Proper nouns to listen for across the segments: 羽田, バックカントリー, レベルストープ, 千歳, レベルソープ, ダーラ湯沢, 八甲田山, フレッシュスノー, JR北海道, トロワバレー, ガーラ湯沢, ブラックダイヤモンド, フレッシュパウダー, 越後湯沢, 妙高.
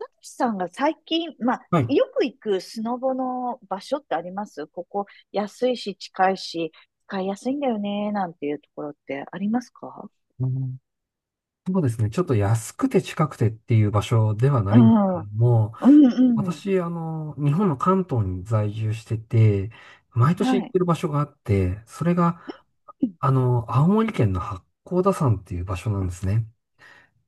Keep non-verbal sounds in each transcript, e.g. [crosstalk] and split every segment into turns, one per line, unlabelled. たけしさんが最近、まあ、
はい。
よく行くスノボの場所ってありますここ安いし近いし使いやすいんだよね、なんていうところってありますか？
うん、そうですね。ちょっと安くて近くてっていう場所では
う
ないんです
ん。
け
うん
ども、
うん。
私、日本の関東に在住してて、毎年
は
行っ
い。
てる場所があって、それが、青森県の八甲田山っていう場所なんですね。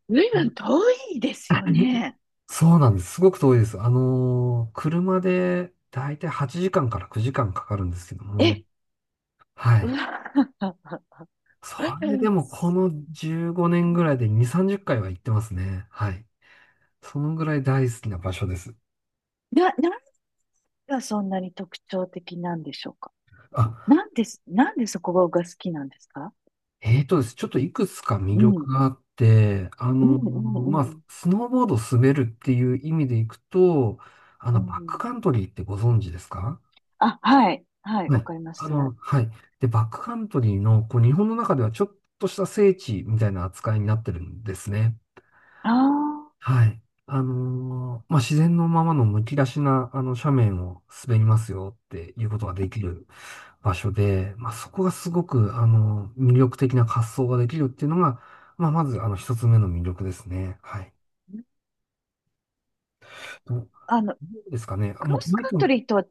随
うん。
分遠いですよ
[laughs]
ね。
そうなんです。すごく遠いです。車でだいたい8時間かんから9時間かかるんですけど
え、
も、は
う
い。
わ。[laughs]
それでもこの
す
15年ぐらいで2、30回は行ってますね。はい。そのぐらい大好きな場所です。
何がそんなに特徴的なんでしょうか？
あ、
なんでそこが好きなんですか？
えーとですね、ちょっといくつか魅
う
力
ん。
があって、
うんうんう
まあ、
ん。
スノーボード滑るっていう意味でいくと、
う
バックカ
ん
ントリーってご存知ですか？
あ、はい。はい、
は
わ
い。
かります。あ、
はい。で、バックカントリーの、こう、日本の中ではちょっとした聖地みたいな扱いになってるんですね。
あ
はい。まあ、自然のままのむき出しな、斜面を滑りますよっていうことができる場所で、まあ、そこがすごく、魅力的な滑走ができるっていうのが、まあ、まず、一つ目の魅力ですね。はい。どど
あの、
うですかね。あ、
クロ
まあ、
ス
マイ
カ
ク
ント
の。
リーとは、うん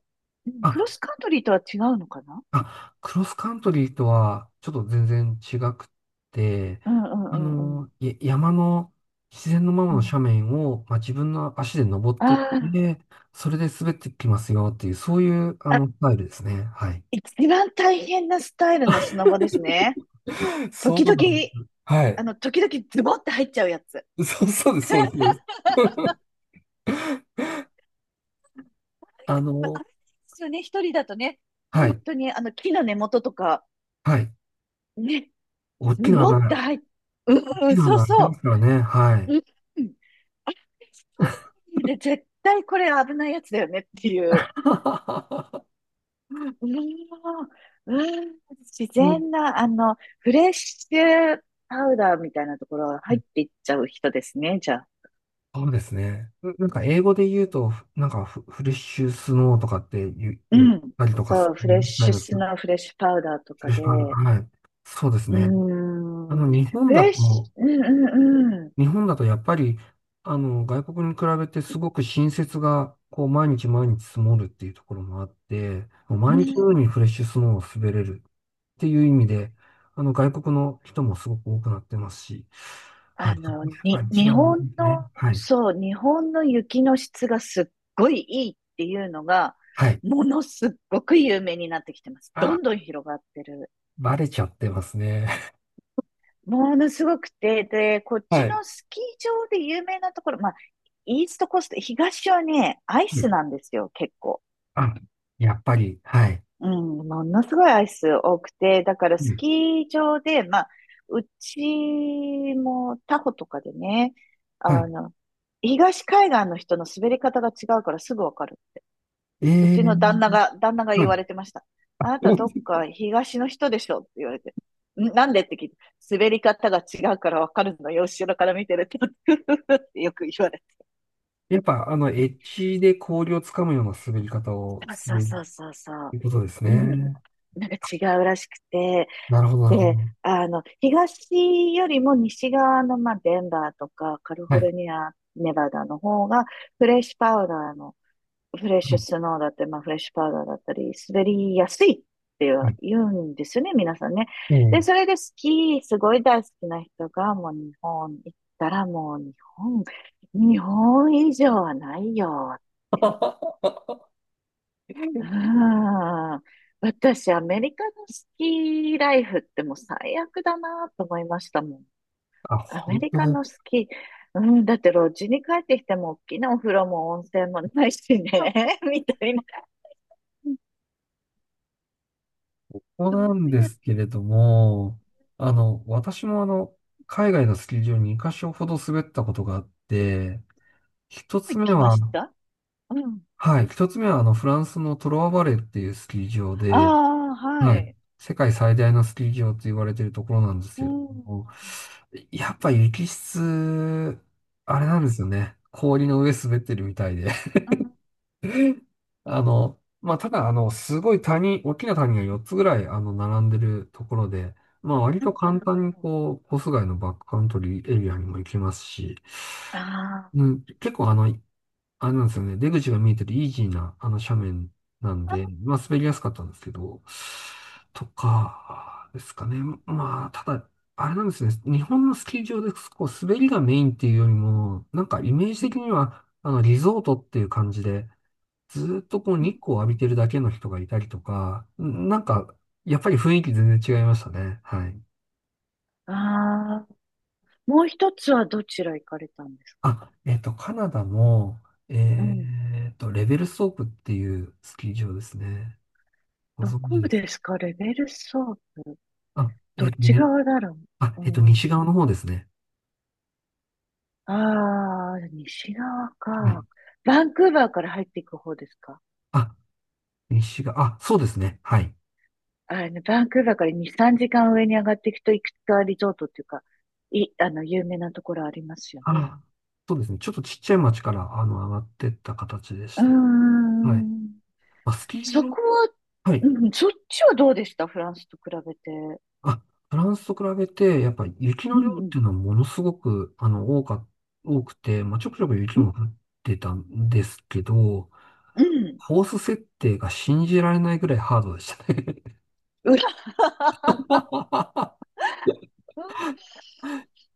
クロ
あ、
スカントリーとは違うのかな？
あ、クロスカントリーとは、ちょっと全然違くって、
うんうんうんうん。
山の、自然のまま
う
の
ん。
斜面を、まあ、自分の足で登ってっ
あ
て、それで滑ってきますよっていう、そういう、
ああ、
スタイルですね。はい。
一番大変なスタイルのスノボですね。
そ
時
うなん、
々、
は
あ
い。
の、時々ズボって入っちゃうやつ。
そう、そうです、そうです、そうです。[laughs] あ
まあ、
の、
危ないですよね、一人だとね。
は
本
い。
当に、あの、木の根元とか、
はい。
ね、
大
ズ
きな
ボって
穴、
入っ、う
大
んう
き
ん、
な
そう
穴開いてます
そ
からね。は
う。
い。
うん。あ、一人で絶対これ危ないやつだよねっていう。
[laughs]
うーん、うーん自
うん、
然な、あの、フレッシュパウダーみたいなところが入っていっちゃう人ですね、じゃあ。
そうですね。なんか英語で言うと、なんかフレッシュスノーとかって言う、
う
言っ
ん。
たりとかす
そう、フ
る
レッ
みたい
シュ
な、
ス
フ
ノー、フレッシュパウダーと
レ
か
ッシ
で、
ュパウダー。はい。そうです
うー
ね。あ
ん、
の、日本
フ
だ
レッシ
と、
ュ、うんうんうん。
日本だとやっぱり、外国に比べてすごく新雪が、こう、毎日毎日積もるっていうところもあって、もう
う
毎日の
ん
ようにフレッシュスノーを滑れるっていう意味で、外国の人もすごく多くなってますし、はい、
あ
そこ
の、
がやっぱり一
日
番いい
本
ですね。
の、
はい。
そう、日本の雪の質がすっごいいいっていうのが、
はい。
ものすっごく有名になってきてます。ど
あ、
んどん広がってる。
バレちゃってますね。
ものすごくて、で、こっ
[laughs] は
ち
い。
のスキー場で有名なところ、まあ、イーストコースト、東はね、アイ
う
ス
ん。
なんですよ、結構。
あ、やっぱり。はい。
うん、ものすごいアイス多くて、だから
う
ス
ん。
キー場で、まあ、うちもタホとかでね、あ
はい。
の、東海岸の人の滑り方が違うからすぐわかる。
え
うちの旦那
ー、
が、旦那が
は
言
い。
われてました。
あ
あなたどっ
[laughs]
か東の人でしょって言われて。なんでって聞いて、滑り方が違うからわかるのよ、後ろから見てると。[laughs] ってよく言われて。
やっぱ、エッジで氷をつかむような滑り方を
あ、
す
そう
る
そうそうそ
と
う。
いうことです
うん。
ね。
なんか違うらしくて。
なるほど、なるほど。
で、あの、東よりも西側の、まあ、デンバーとかカリ
は
フォ
い。
ルニア、ネバダの方が、フレッシュパウダーのフレッ
は
シュ
い。
スノーだったり、まあ、フレッシュパウダーだったり、滑りやすいって
は
は
い。
言うんですよね、皆さんね。
え
で、
え。
それでスキー、すごい大好きな人が、もう日本行ったらもう日本、日本以上はないよ。うん。私、アメリカのスキーライフってもう最悪だなと思いましたもん。
あ、
アメ
本
リ
当
カ
だ。こ
のスキー、うん、だってロッジに帰ってきても大きなお風呂も温泉もないしね、[laughs] みたいな。
こなんですけれども、私も海外のスキー場に2箇所ほど滑ったことがあって、一つ
行
目
きま
は、
したうん。
はい、一つ目はフランスのトロワバレーっていうスキー場で、
ああ、は
はい、
い。
世界最大のスキー場と言われているところなんです
う
けれど
ん。うん。
も、やっぱ雪質、あれなんですよね。氷の上滑ってるみたいで。
うん。
まあ、ただ、すごい谷、大きな谷が4つぐらい、並んでるところで、まあ、割
うん
と
う
簡単に、
ん
こう、コース外のバックカントリーエリアにも行きますし、
あ
うん、結構、あれなんですよね、出口が見えてるイージーな、斜面なんで、
あ。
まあ、滑りやすかったんですけど、とか、ですかね。まあ、ただ、あれなんですね、日本のスキー場で、こう、滑りがメインっていうよりも、なんか、イメージ
う
的
ん。
には、リゾートっていう感じで、ずーっとこう
うん
日光を
う
浴びて
ん
るだけの人がいたりとか、なんか、やっぱり雰囲気全然違いましたね。はい。
ああ。もう一つはどちら行かれたんですか？
あ、カナダも、
うん。
レベルストープっていうスキー場ですね。ご
ど
存知
こ
です。
ですかレベルソープ。
あ、
どっち側だろ
あ、
う。うん。
西側の方ですね。
ああ、西側
はい。
か。バンクーバーから入っていく方ですか？
あ、西側、あ、そうですね。はい。
あの、バンクーバーから2、3時間上に上がっていくと、いくつかリゾートっていうか、あの、有名なところありますよね。
あ、そうですね。ちょっとちっちゃい町から、上がってった形で
う
し
ー
た。はい。
ん。
まあ、スキー
そ
場、
こは、
は
う
い。
ん、そっちはどうでした？フランスと比べて。
あ、フランスと比べて、やっぱ雪
う
の量
ん
っ
うん。
ていうのはものすごく、多くて、まあ、ちょくちょく雪
うん。
も降ってたんですけど、
うん
コース設定が信じられないぐらいハードでしたね。
うら、[laughs]
[laughs]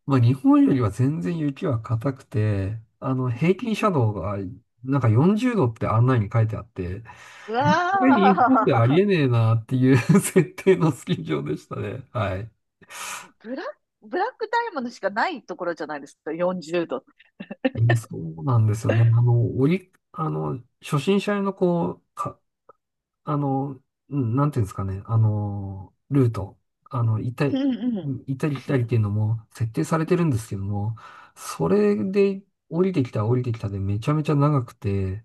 まあ、日本よりは全然雪は硬くて、平均斜度が、なんか40度って案内に書いてあって、
う
これ
わ、
日本であり
あ
えねえなっていう [laughs] 設定のスキー場でしたね。はい。
ブラ、ブラックダイヤモンドしかないところじゃないですか。40度。
そうなんですよね。初心者用のこう、あの、うんなんていうんですかね、ルート、あの、行った
う
り、
んうん。
行ったり来
う
たりっ
ん。
ていうのも設定されてるんですけども、それで降りてきたでめちゃめちゃ長くて、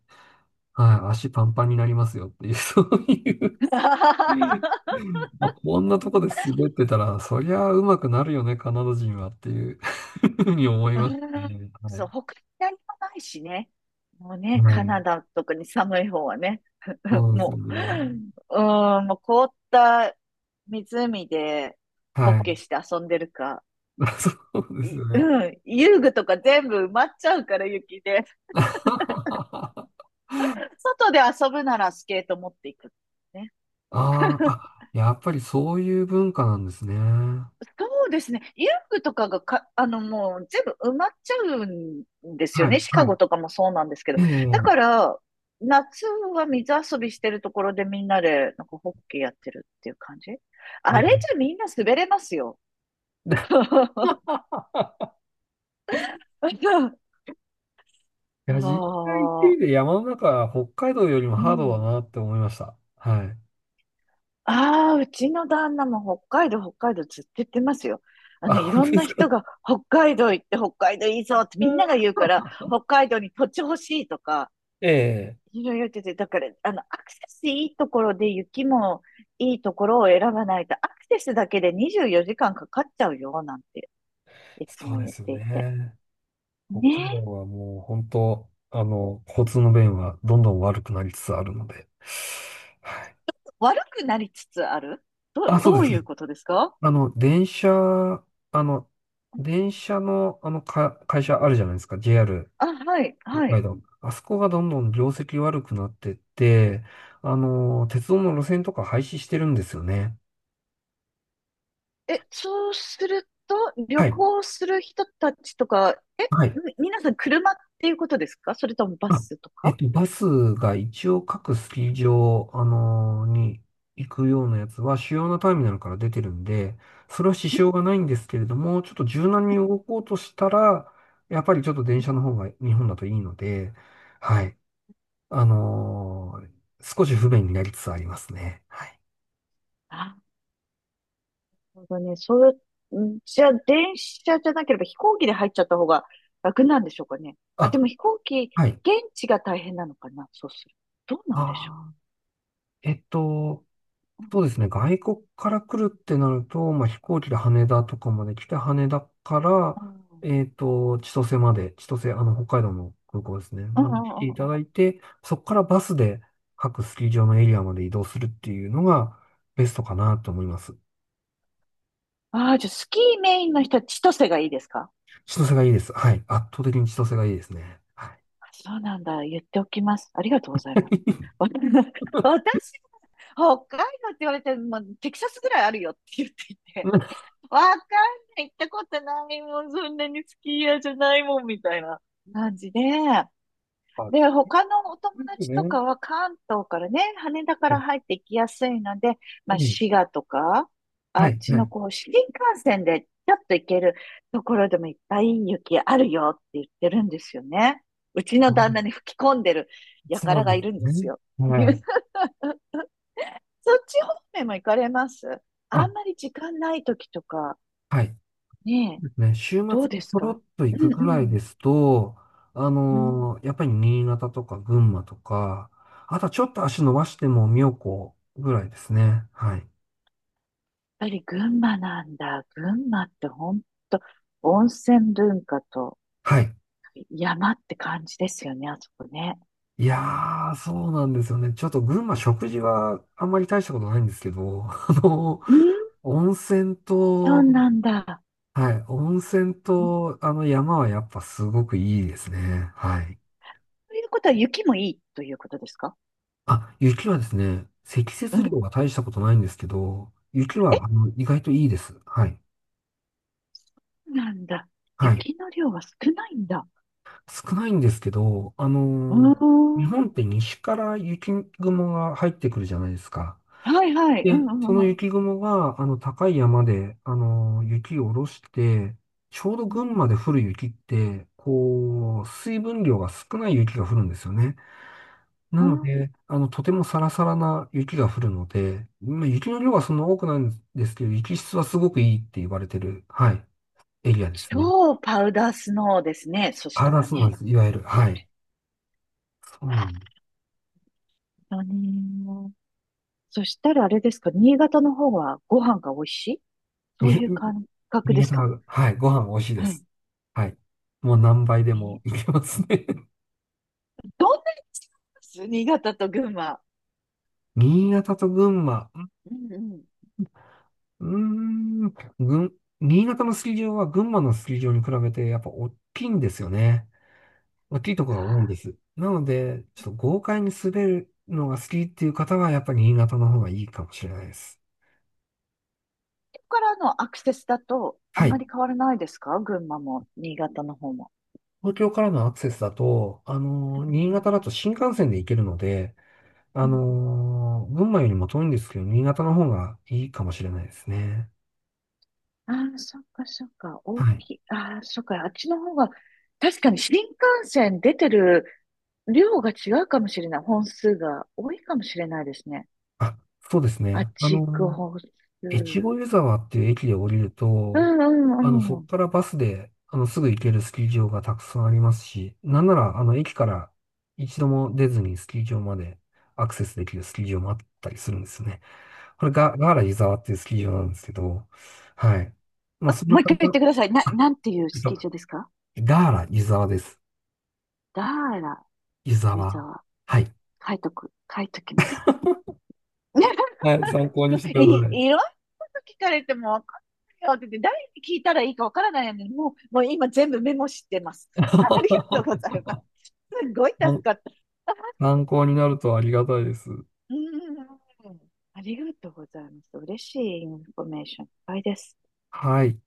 はい、足パンパンになりますよっていう、[laughs] そうい
[laughs]
うまあ、こんなとこで滑ってたら、そりゃ上手くなるよね、カナダ人はっていう [laughs] ふうに思い
う
ました
ーん、
ね。は
そう、
い。
他に何もないしね。もうね、
は
カ
い。
ナダとかに寒い方はね、
そ
[laughs]
うですよ
もう、
ね。
うーん、もう凍った湖でホッ
はい。
ケーして遊んでるか、
[laughs] そうですよね。
うん、遊具とか全部埋まっちゃうから雪で、
[laughs] あ
外で遊ぶならスケート持っていく。ね
ーあ、やっぱりそういう文化なんですね。
そうですね。遊具とかがか、あの、もう全部埋まっちゃうんですよ
はい、
ね。シカ
はい。
ゴとかもそうなんですけど。
え
だ
え、
から、夏は水遊びしてるところでみんなで、なんかホッケーやってるっていう感じ。
え
あれじゃ
え。
みんな滑れますよ。
[laughs]
[laughs] あ
いや、実際行って
あ、
みて山の中は北海道よりも
う
ハードだ
ん。
なって思いました。はい。
ああ、うちの旦那も北海道、北海道ずっと言ってますよ。あ
あ、
の、い
本
ろ
当
ん
で
な
すか？
人が北海道行って北海道いいぞってみんなが
[laughs]
言うから、北海道に土地欲しいとか、
ええ、
いやいや、違うてて、だから、あの、アクセスいいところで雪もいいところを選ばないと、アクセスだけで24時間かんかかっちゃうよ、なんて、いつ
そ
も
うで
言っ
すよ
ていて。
ね。北
ね
海道
え、
はもう本当、交通の便はどんどん悪くなりつつあるので。はい。
悪くなりつつある、
あ、そう
ど
で
う
す。
いうことですか？
あの、電車、あの、電車の、会社あるじゃないですか、JR
あ、はい、は
北海
い。
道。あそこがどんどん業績悪くなってって、鉄道の路線とか廃止してるんですよね。
え、そうすると、旅
はい。
行する人たちとか、
はい。
皆さん車っていうことですか？それともバ
あ、
スとか。
バスが一応各スキー場、に行くようなやつは主要なターミナルから出てるんで、それは支障がないんですけれども、ちょっと柔軟に動こうとしたら、やっぱりちょっと電車の方が日本だといいので、はい。あのー少し不便になりつつありますね。はい。
なるほどね。そう、んじゃあ、電車じゃなければ飛行機で入っちゃった方が楽なんでしょうかね。あ、でも
あ、
飛行機、
はい。
現地が大変なのかな。そうすると。どうなんでしょ
あー、えっと、
う。
そうですね。外国から来るってなると、まあ、飛行機で羽田とかまで来て、羽田か
う
ら、
ん、
千歳まで、千歳、北海道の空港ですね。
うん、
ま
う
で
ん、う
来てい
んう
た
ん
だいて、そこからバスで各スキー場のエリアまで移動するっていうのがベストかなと思います。
ああー、じゃあ、スキーメインの人は千歳がいいですか？
千歳がいいです。はい。圧倒的に千歳がいいですね。はい。
そうなんだ。言っておきます。ありがとうございます。わ [laughs] 私、北海道って言われて、もうテキサスぐらいあるよって言っていて、
[laughs]
わかんない、行ったことないもん、そんなにスキー屋じゃないもん、みたいな感じで。で、他のお友
いいです
達と
ね。
かは関東からね、羽田から入ってきやすいので、まあ、
ええ、
滋賀とか、あ
は
っ
い、
ち
は
の
い。
こう、新幹線でちょっと行けるところでもいっぱい雪あるよって言ってるんですよね。うちの旦那
あ、
に吹き込んでる
そ
輩
う
が
です
いるんで
ね。
すよ。
はい。
[laughs] そっち方面も行かれますあ
あ、
んまり時間ない時とか、
はい。そ
ねえ、
うですね。週
どう
末
で
にち
す
ょろ
か？
っと
う
行く
ん
ぐ
う
らい
ん。
ですと、
うん
やっぱり新潟とか群馬とか、あとはちょっと足伸ばしても妙高ぐらいですね。はい。
ぱり群馬なんだ。群馬って本当温泉文化と
はい。
山って感じですよね、あそこね。
いやー、そうなんですよね。ちょっと群馬食事はあんまり大したことないんですけど、[laughs] あの
うん、
温泉
そう
と、
なんだ。
はい、温泉
うん
と、あの山はやっぱすごくいいですね。はい。
ということは雪もいいということですか？
あ、雪はですね、積
う
雪量
ん。
は大したことないんですけど、雪
え、
は意外といいです。はい。
なんだ。
はい。
雪の量は少ないんだ。
少ないんですけど、
う
日
ーん。
本って西から雪雲が入ってくるじゃないですか。
はいはい。
で、その
うん。
雪雲が、高い山で、雪を下ろして、ちょうど
うん
群馬で降る雪って、こう、水分量が少ない雪が降るんですよね。な
あ、
ので、とてもサラサラな雪が降るので、まあ、雪の量はそんな多くないんですけど、雪質はすごくいいって言われてる、はい、エリアですね。
超パウダースノーですね。そした
ああ、
ら
そうなんで
ね。
す。いわゆる、はい。そうなん
本当に。そしたらあれですか、新潟の方はご飯が美味しいそ
で
う
す。
いう
に
感覚
新
です
潟
か？
は、はい、ご飯美味しい
う
です。
ん。
はい。もう何倍で
み
もいけますね。[laughs]
どんなに違います新潟と群馬。
新潟と群馬。
うんうん。
うーん、新潟のスキー場は群馬のスキー場に比べてやっぱ大きいんですよね。大きいところが多いで
あ、
す。なので、ちょっと豪快に滑るのが好きっていう方は、やっぱり新潟の方がいいかもしれないです。
そこ、こからのアクセスだと、あ
は
んまり
い。
変わらないですか群馬も、新潟の方も。
東京からのアクセスだと、
う
新潟だ
ん。
と新幹線で行けるので、
うんうん。
群馬よりも遠いんですけど、新潟の方がいいかもしれないですね。
ああ、そっかそっか。大
はい。
きい。ああ、そっか。あっちの方が、確かに新幹線出てる量が違うかもしれない。本数が多いかもしれないですね。
あ、そうです
あっ
ね。
ち行く本数。
越
う
後湯沢っていう駅で降りる
んう
と、そ
ん
こ
うん。
からバスで、すぐ行けるスキー場がたくさんありますし、なんなら、駅から一度も出ずにスキー場までアクセスできるスキー場もあったりするんですよね。これが、ガーラ湯沢っていうスキー場なんですけど、はい。まあ、そんな
もう一
簡
回言って
単。
ください。
あ、
なんていう
えっ
ス
と、
キー場ですか？
ガーラ湯沢です。
ダーラ、
湯
湯
沢。
沢。
はい。
書いときます。[laughs]
はい、参考にしてください。
いろんなこと聞かれてもわかんないよって言って、誰に聞いたらいいかわからないのに、もう今全部メモしてます。[laughs] ありがとうござ
[laughs]
います。すごい助
参
かった。
参考になるとありがたいです。
うん。ありがとうございます。嬉しいインフォメーションいっぱいです。
はい。